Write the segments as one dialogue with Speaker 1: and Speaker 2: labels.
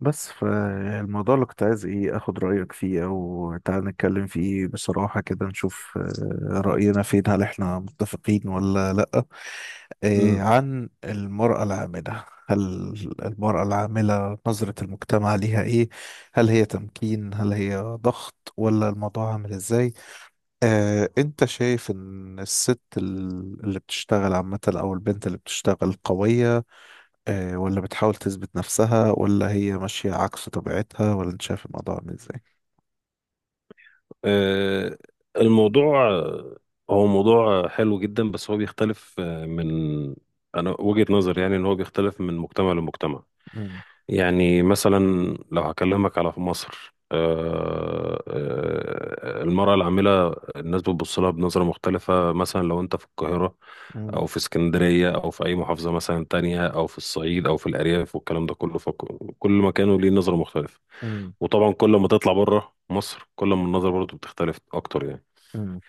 Speaker 1: بس، فالموضوع اللي كنت عايز ايه اخد رأيك فيه او تعال نتكلم فيه بصراحة كده نشوف، رأينا فين، هل احنا متفقين ولا لأ؟
Speaker 2: مم.
Speaker 1: عن المرأة العاملة، نظرة المجتمع ليها ايه؟ هل هي تمكين، هل هي ضغط، ولا الموضوع عامل ازاي؟ انت شايف ان الست اللي بتشتغل عامة او البنت اللي بتشتغل قوية، ولا بتحاول تثبت نفسها، ولا هي ماشية عكس طبيعتها، ولا انت شايف الموضوع عامل ازاي؟
Speaker 2: آه، الموضوع هو موضوع حلو جدا، بس هو بيختلف من انا وجهة نظري يعني ان هو بيختلف من مجتمع لمجتمع.
Speaker 1: مم،
Speaker 2: يعني مثلا لو هكلمك على في مصر، المرأة العاملة، الناس بتبص لها بنظرة مختلفة. مثلا لو انت في القاهرة
Speaker 1: مم،
Speaker 2: او في اسكندرية او في اي محافظة مثلا تانية او في الصعيد او في الارياف والكلام ده كله، فكل مكان ليه نظرة مختلفة.
Speaker 1: مم،
Speaker 2: وطبعا كل ما تطلع بره مصر كل ما النظرة برضو بتختلف اكتر يعني.
Speaker 1: مم.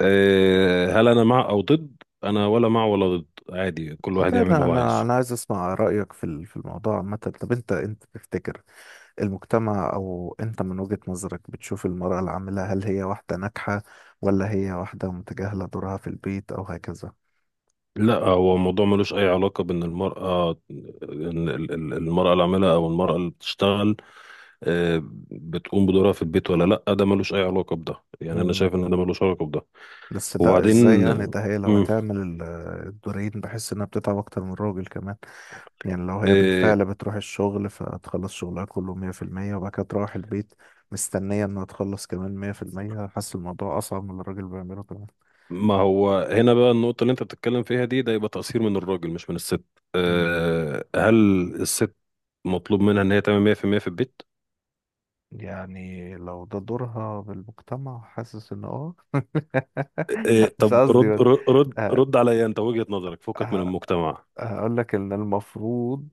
Speaker 2: أه، هل انا مع او ضد؟ انا ولا مع ولا ضد، عادي كل واحد
Speaker 1: ده
Speaker 2: يعمل اللي
Speaker 1: انا
Speaker 2: هو
Speaker 1: انا
Speaker 2: عايزه.
Speaker 1: انا عايز اسمع رأيك في الموضوع عامة. طب انت تفتكر المجتمع، او انت من وجهة نظرك بتشوف المرأة العاملة، هل هي واحدة ناجحة ولا هي واحدة متجاهلة دورها في البيت او هكذا؟
Speaker 2: لا، هو الموضوع ملوش اي علاقة بان المرأة، المرأة العاملة او المرأة اللي بتشتغل أه بتقوم بدورها في البيت ولا لا، ده ملوش اي علاقة بده. يعني انا
Speaker 1: مم.
Speaker 2: شايف ان ده ملوش علاقة بده.
Speaker 1: بس ده
Speaker 2: وبعدين
Speaker 1: ازاي يعني، ده هي لو
Speaker 2: مم.
Speaker 1: هتعمل الدورين بحس انها بتتعب اكتر من الراجل كمان. يعني لو هي
Speaker 2: آه،
Speaker 1: بالفعل بتروح الشغل فتخلص شغلها كله 100% وبعد كده تروح البيت مستنية إنها تخلص كمان 100%، حاسس الموضوع أصعب من اللي الراجل بيعمله كمان.
Speaker 2: ما هو هنا بقى النقطة اللي انت بتتكلم فيها دي، ده يبقى تقصير من الراجل مش من الست.
Speaker 1: مم.
Speaker 2: أه، هل الست مطلوب منها ان هي تعمل 100% في المية في البيت؟
Speaker 1: يعني لو ده دورها بالمجتمع، حاسس إن
Speaker 2: أه
Speaker 1: مش
Speaker 2: طب
Speaker 1: قصدي، بس.
Speaker 2: رد رد رد,
Speaker 1: آه،
Speaker 2: رد عليا انت، وجهة نظرك، فكك من
Speaker 1: آه،
Speaker 2: المجتمع.
Speaker 1: هقول لك إن المفروض،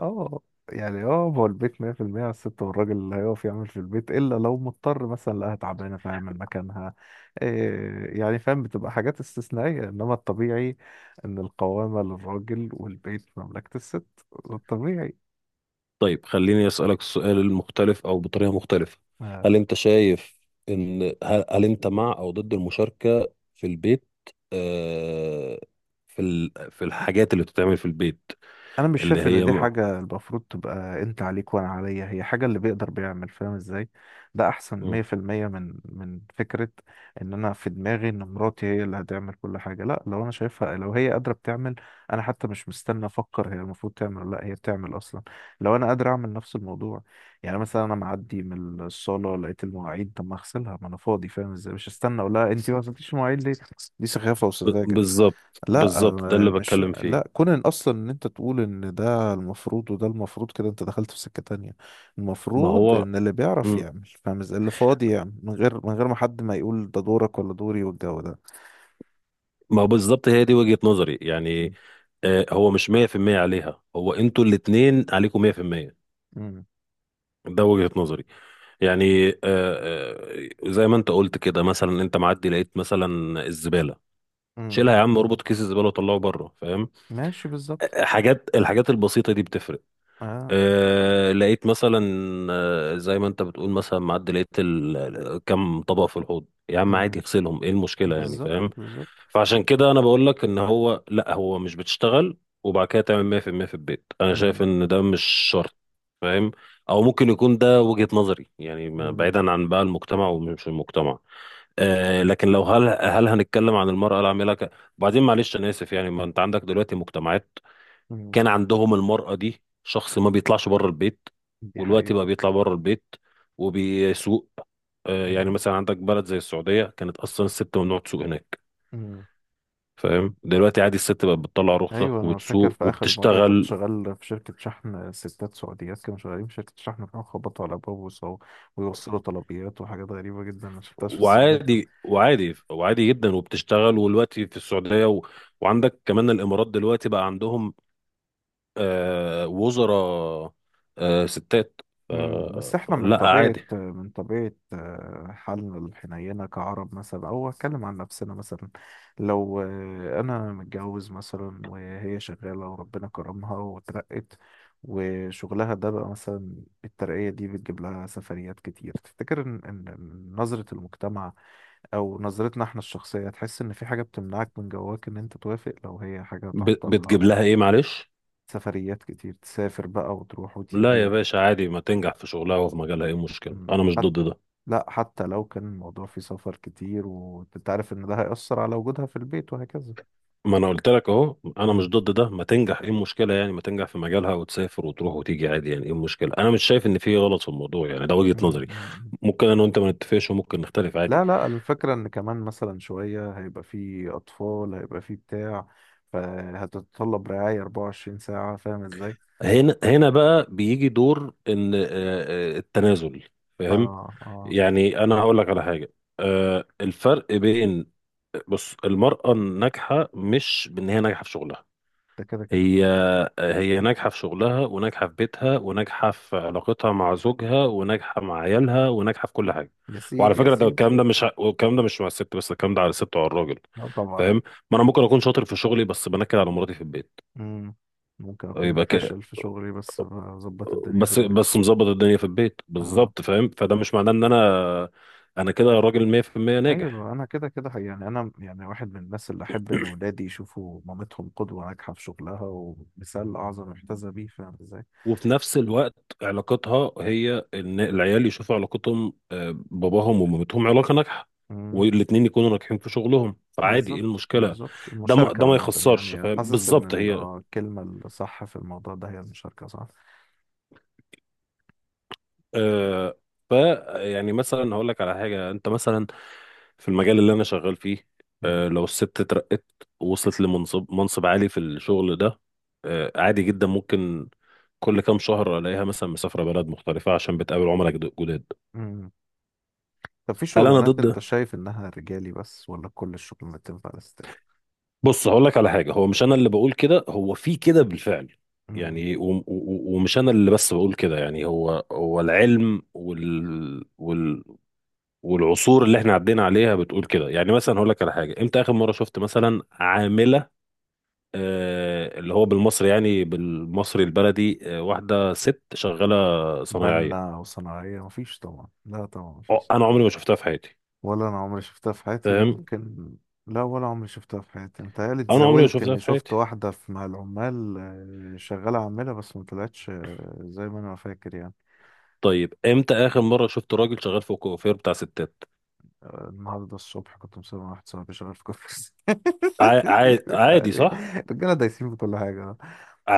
Speaker 1: اه يعني هو البيت 100% على الست، والراجل اللي هيقف يعمل في البيت الا لو مضطر مثلا لقاها تعبانه فيعمل مكانها إيه يعني، فاهم؟ بتبقى حاجات استثنائيه، انما الطبيعي ان القوامه للراجل والبيت مملكه الست. ده الطبيعي.
Speaker 2: طيب خليني اسألك السؤال المختلف او بطريقة مختلفة. هل انت شايف ان هل انت مع او ضد المشاركة في البيت؟ أه في ال... في الحاجات اللي بتتعمل في البيت،
Speaker 1: انا مش
Speaker 2: اللي
Speaker 1: شايف ان
Speaker 2: هي
Speaker 1: دي
Speaker 2: مع
Speaker 1: حاجه المفروض تبقى انت عليك وانا عليا، هي حاجه اللي بيقدر بيعمل، فاهم ازاي؟ ده احسن 100% من فكره ان انا في دماغي ان مراتي هي اللي هتعمل كل حاجه. لا، لو انا شايفها لو هي قادره بتعمل، انا حتى مش مستني افكر هي المفروض تعمل ولا لا، هي بتعمل اصلا لو انا قادر اعمل نفس الموضوع. يعني مثلا انا معدي من الصاله لقيت المواعيد، طب ما اغسلها، ما انا فاضي، فاهم ازاي؟ مش هستنى اقول لها انت ما غسلتيش المواعيد ليه، دي سخافه وسذاجه.
Speaker 2: بالظبط
Speaker 1: لا،
Speaker 2: بالظبط ده اللي
Speaker 1: مش
Speaker 2: بتكلم فيه.
Speaker 1: لا، كون ان اصلا ان انت تقول ان ده المفروض وده المفروض كده انت دخلت في سكة تانية.
Speaker 2: ما
Speaker 1: المفروض
Speaker 2: هو
Speaker 1: ان اللي بيعرف
Speaker 2: مم.
Speaker 1: يعمل، فاهم ازاي؟ اللي فاضي يعمل، من غير ما حد ما يقول ده دورك ولا دوري والجو ده.
Speaker 2: ما هو بالظبط هي دي وجهة نظري يعني.
Speaker 1: مم.
Speaker 2: هو مش 100% عليها، هو انتوا الاتنين عليكم 100%.
Speaker 1: امم.
Speaker 2: ده وجهة نظري. يعني زي ما انت قلت كده، مثلا انت معدي لقيت مثلا الزبالة،
Speaker 1: امم.
Speaker 2: شيلها يا عم، اربط كيس الزبالة وطلعه بره، فاهم؟
Speaker 1: ماشي. بالظبط.
Speaker 2: الحاجات البسيطة دي بتفرق.
Speaker 1: اه.
Speaker 2: أه لقيت مثلا، زي ما انت بتقول، مثلا معدي لقيت كم طبق في الحوض، يا عم عادي
Speaker 1: امم.
Speaker 2: اغسلهم، ايه المشكله يعني،
Speaker 1: بالظبط،
Speaker 2: فاهم؟
Speaker 1: بالظبط.
Speaker 2: فعشان كده انا بقول لك ان هو، لا هو مش بتشتغل وبعد كده تعمل 100% في المية في البيت، انا شايف
Speaker 1: امم.
Speaker 2: ان ده مش شرط، فاهم؟ او ممكن يكون ده وجهه نظري يعني،
Speaker 1: امم.
Speaker 2: بعيدا عن بقى المجتمع ومش المجتمع. أه لكن لو هل هنتكلم عن المراه العامله وبعدين معلش انا اسف يعني، ما انت عندك دلوقتي مجتمعات
Speaker 1: امم.
Speaker 2: كان عندهم المرأة دي شخص ما بيطلعش بره البيت،
Speaker 1: دي
Speaker 2: والوقت بقى
Speaker 1: حقيقة.
Speaker 2: بيطلع بره البيت وبيسوق. يعني مثلا عندك بلد زي السعودية، كانت أصلا الست ممنوع تسوق هناك،
Speaker 1: امم.
Speaker 2: فاهم؟ دلوقتي عادي الست بقت بتطلع رخصة
Speaker 1: ايوه، انا فاكر
Speaker 2: وبتسوق
Speaker 1: في اخر مره كنت
Speaker 2: وبتشتغل،
Speaker 1: شغال في شركه شحن، ستات سعوديات كانوا شغالين في شركه شحن بيروحوا خبطوا على باب وصو، ويوصلوا طلبيات وحاجات غريبه جدا ما شفتهاش في السعوديه.
Speaker 2: وعادي جدا وبتشتغل والوقت في السعودية و... وعندك كمان الإمارات دلوقتي بقى عندهم وزراء ستات،
Speaker 1: امم. بس احنا من
Speaker 2: لا
Speaker 1: طبيعه
Speaker 2: عادي.
Speaker 1: من طبيعه حالنا الحنينه كعرب مثلا، او اتكلم عن نفسنا مثلا. لو انا متجوز مثلا وهي شغاله وربنا كرمها وترقت، وشغلها ده بقى مثلا الترقية دي بتجيب لها سفريات كتير، تفتكر إن- نظرة المجتمع او نظرتنا احنا الشخصية تحس ان في حاجة بتمنعك من جواك ان انت توافق لو هي حاجة تعطلها؟
Speaker 2: بتجيب
Speaker 1: أو
Speaker 2: لها إيه معلش؟
Speaker 1: سفريات كتير تسافر بقى وتروح
Speaker 2: لا
Speaker 1: وتيجي
Speaker 2: يا
Speaker 1: و.
Speaker 2: باشا عادي، ما تنجح في شغلها وفي مجالها، ايه المشكلة؟ انا مش
Speaker 1: حتى.
Speaker 2: ضد ده.
Speaker 1: لا، حتى لو كان الموضوع فيه سفر كتير وانت عارف ان ده هيأثر على وجودها في البيت وهكذا.
Speaker 2: ما انا قلت لك اهو، انا مش
Speaker 1: مم.
Speaker 2: ضد ده، ما تنجح ايه المشكلة يعني، ما تنجح في مجالها وتسافر وتروح وتيجي عادي، يعني ايه المشكلة؟ انا مش شايف ان في غلط في الموضوع يعني، ده وجهة
Speaker 1: مم.
Speaker 2: نظري.
Speaker 1: مم.
Speaker 2: ممكن انا وانت ما نتفقش وممكن نختلف عادي.
Speaker 1: لا، لا، الفكرة ان كمان مثلا شوية هيبقى فيه اطفال، هيبقى فيه بتاع، فهتتطلب رعاية 24 ساعة فاهم ازاي؟
Speaker 2: هنا بقى بيجي دور ان التنازل، فاهم؟
Speaker 1: اه، اه.
Speaker 2: يعني انا هقول لك على حاجة، آه، الفرق بين بص، المرأة الناجحة مش بان هي ناجحة في شغلها،
Speaker 1: ده كده كده.
Speaker 2: هي هي ناجحة في شغلها وناجحة في بيتها وناجحة في علاقتها مع زوجها وناجحة مع عيالها وناجحة في كل حاجة.
Speaker 1: يا
Speaker 2: وعلى
Speaker 1: سيدي، يا
Speaker 2: فكرة ده
Speaker 1: سيدي.
Speaker 2: الكلام ده مش، والكلام ده مش مع الست بس، الكلام ده على الست وعلى الراجل،
Speaker 1: اه، طبعا.
Speaker 2: فاهم؟ ما انا ممكن اكون شاطر في شغلي بس بنكد على مراتي في البيت،
Speaker 1: مم. ممكن اكون
Speaker 2: يبقى كده
Speaker 1: فاشل في شغلي بس بظبط الدنيا في
Speaker 2: بس
Speaker 1: البيت.
Speaker 2: بس مظبط الدنيا في البيت
Speaker 1: اه.
Speaker 2: بالظبط، فاهم؟ فده مش معناه ان انا كده راجل 100%
Speaker 1: ايوه،
Speaker 2: ناجح.
Speaker 1: انا كده كده حقيقي. يعني انا يعني واحد من الناس اللي احب ان ولادي يشوفوا مامتهم قدوه ناجحه في شغلها ومثال اعظم يحتذى بيه، فاهم ازاي؟
Speaker 2: وفي نفس الوقت علاقتها هي ان العيال يشوفوا علاقتهم باباهم ومامتهم علاقه ناجحه،
Speaker 1: مم.
Speaker 2: والاتنين يكونوا ناجحين في شغلهم، فعادي ايه
Speaker 1: بالظبط،
Speaker 2: المشكله؟
Speaker 1: بالظبط. المشاركه
Speaker 2: ده ما
Speaker 1: عامه
Speaker 2: يخسرش
Speaker 1: يعني،
Speaker 2: فاهم،
Speaker 1: حاسس ان
Speaker 2: بالظبط هي
Speaker 1: الكلمه الصح في الموضوع ده هي المشاركه، صح؟
Speaker 2: آه ف، يعني مثلا هقول لك على حاجه. انت مثلا في المجال اللي انا شغال فيه،
Speaker 1: مم.
Speaker 2: آه لو الست اترقت وصلت لمنصب عالي في الشغل ده، آه عادي جدا، ممكن كل كام شهر الاقيها مثلا مسافره بلد مختلفه عشان بتقابل عملاء جداد.
Speaker 1: مم. طب، في
Speaker 2: هل انا
Speaker 1: شغلانات
Speaker 2: ضد؟
Speaker 1: انت شايف انها رجالي بس ولا كل الشغلانات تنفع للستات؟
Speaker 2: بص هقول لك على حاجه، هو مش انا اللي بقول كده، هو في كده بالفعل.
Speaker 1: مم.
Speaker 2: يعني ومش انا اللي بس بقول كده يعني، هو هو العلم وال والعصور اللي احنا عدينا عليها بتقول كده. يعني مثلا هقول لك على حاجه، امتى اخر مره شفت مثلا عامله آه، اللي هو بالمصري يعني بالمصري البلدي، آه واحده ست شغاله صنايعيه؟
Speaker 1: بنا وصناعيه، مفيش طبعا، لا طبعا
Speaker 2: أه،
Speaker 1: مفيش.
Speaker 2: انا عمري ما شفتها في حياتي،
Speaker 1: ولا انا عمري شفتها في حياتي،
Speaker 2: فاهم؟
Speaker 1: ممكن. لا، ولا عمري شفتها في حياتي، متهيألي
Speaker 2: انا عمري ما
Speaker 1: اتزاولت
Speaker 2: شفتها
Speaker 1: اني
Speaker 2: في
Speaker 1: شفت
Speaker 2: حياتي.
Speaker 1: واحدة في مع العمال شغالة عاملة، بس ما طلعتش زي ما انا فاكر يعني.
Speaker 2: طيب امتى اخر مره شفت راجل شغال في الكوافير بتاع ستات؟
Speaker 1: النهاردة الصبح كنت مسافر مع واحد صاحبي شغال في كفر
Speaker 2: عادي
Speaker 1: يعني.
Speaker 2: صح؟
Speaker 1: الرجالة دايسين في كل حاجة.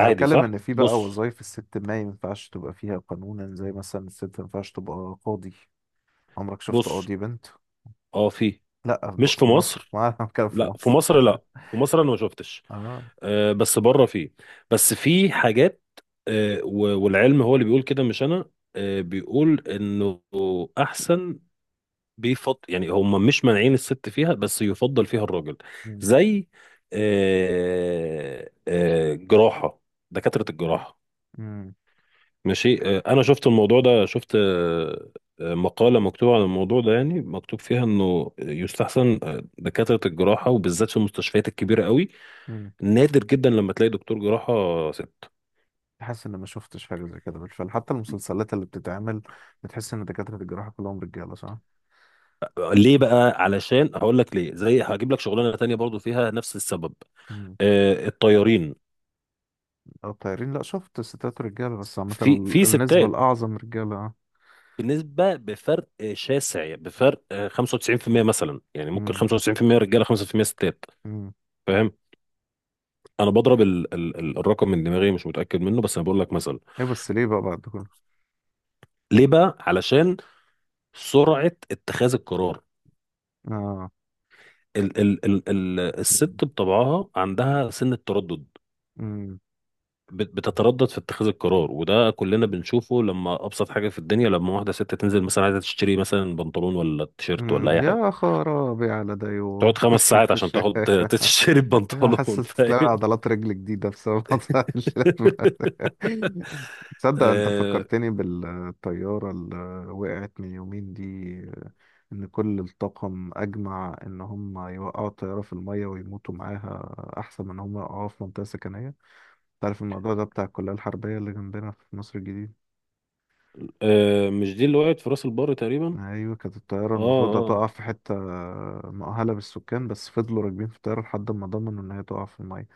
Speaker 1: انا بتكلم
Speaker 2: صح.
Speaker 1: ان في بقى
Speaker 2: بص
Speaker 1: وظايف الست ما ينفعش تبقى فيها قانونا، زي مثلا الست ما ينفعش تبقى قاضي. عمرك شفت
Speaker 2: بص
Speaker 1: قاضي بنت؟
Speaker 2: اه في،
Speaker 1: لا، في
Speaker 2: مش في
Speaker 1: في مصر
Speaker 2: مصر،
Speaker 1: ما انا بتكلم في
Speaker 2: لا في
Speaker 1: مصر.
Speaker 2: مصر لا، في مصر انا ما شفتش،
Speaker 1: اه.
Speaker 2: آه بس بره في. بس في حاجات، آه والعلم هو اللي بيقول كده مش انا، آه بيقول انه احسن، بيفضل يعني، هم مش مانعين الست فيها بس يفضل فيها الراجل.
Speaker 1: مم.
Speaker 2: زي آه جراحة، دكاترة الجراحة. ماشي، انا شفت الموضوع ده، شفت مقالة مكتوبة عن الموضوع ده، يعني مكتوب فيها انه يستحسن دكاترة الجراحة، وبالذات في المستشفيات الكبيرة قوي،
Speaker 1: مم.
Speaker 2: نادر جدا لما تلاقي دكتور جراحة ست.
Speaker 1: حاسس ان ما شفتش حاجه زي كده بالفعل، حتى المسلسلات اللي بتتعمل بتحس ان دكاتره الجراحه كلهم رجاله، صح؟
Speaker 2: ليه بقى؟ علشان، هقول لك ليه، زي هجيب لك شغلانة تانية برضو فيها نفس السبب:
Speaker 1: امم.
Speaker 2: الطيارين.
Speaker 1: او طيارين، لا شفت ستات رجاله بس عامه
Speaker 2: في في
Speaker 1: النسبه
Speaker 2: ستات
Speaker 1: الاعظم رجاله.
Speaker 2: بنسبة، بفرق شاسع، بفرق 95% مثلا يعني، ممكن
Speaker 1: امم.
Speaker 2: 95% رجالة 5% ستات،
Speaker 1: امم.
Speaker 2: فاهم؟ انا بضرب ال ال ال الرقم من دماغي مش متاكد منه، بس انا بقول لك مثلا.
Speaker 1: ايه بس ليه بقى بعد كله؟
Speaker 2: ليه بقى؟ علشان سرعه اتخاذ القرار.
Speaker 1: اه.
Speaker 2: ال ال ال ال الست بطبعها عندها سن التردد،
Speaker 1: امم.
Speaker 2: بتتردد في اتخاذ القرار، وده كلنا بنشوفه. لما ابسط حاجه في الدنيا، لما واحده ست تنزل مثلا عايزه تشتري مثلا بنطلون ولا تيشيرت ولا
Speaker 1: امم.
Speaker 2: اي
Speaker 1: يا
Speaker 2: حاجه،
Speaker 1: خرابي على دايو
Speaker 2: تقعد خمس ساعات عشان تاخد تشتري بنطلون،
Speaker 1: حاسس تلاقي
Speaker 2: فاهم؟
Speaker 1: عضلات رجل جديده بسبب موضوع الشلل. تصدق انت
Speaker 2: آه
Speaker 1: فكرتني بالطيارة اللي وقعت من يومين دي، ان كل الطاقم اجمع ان هم يوقعوا الطيارة في المية ويموتوا معاها احسن من ان هم يوقعوها في منطقة سكنية. تعرف الموضوع ده بتاع الكلية الحربية اللي جنبنا في مصر الجديد؟
Speaker 2: آه مش دي اللي وقعت في راس البر تقريبا؟
Speaker 1: ايوه، كانت الطيارة
Speaker 2: اه
Speaker 1: المفروض
Speaker 2: اه
Speaker 1: هتقع في حتة مؤهلة بالسكان، بس فضلوا راكبين في الطيارة لحد ما ضمنوا ان هي تقع في المية.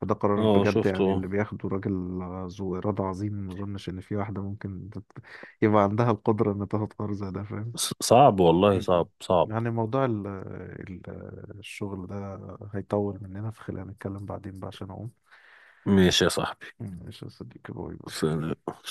Speaker 1: فده قرار
Speaker 2: اه
Speaker 1: بجد يعني،
Speaker 2: شفته.
Speaker 1: اللي بياخده راجل ذو إرادة عظيم. ما أظنش إن في واحدة ممكن يبقى عندها القدرة إن تاخد قرار زي ده، فاهم؟
Speaker 2: صعب والله،
Speaker 1: مم.
Speaker 2: صعب.
Speaker 1: يعني موضوع ال الشغل ده هيطول مننا، فخلينا نتكلم بعدين بقى عشان أقوم.
Speaker 2: ماشي يا صاحبي.
Speaker 1: مم. ماشي يا صديقي، باي باي.
Speaker 2: ف-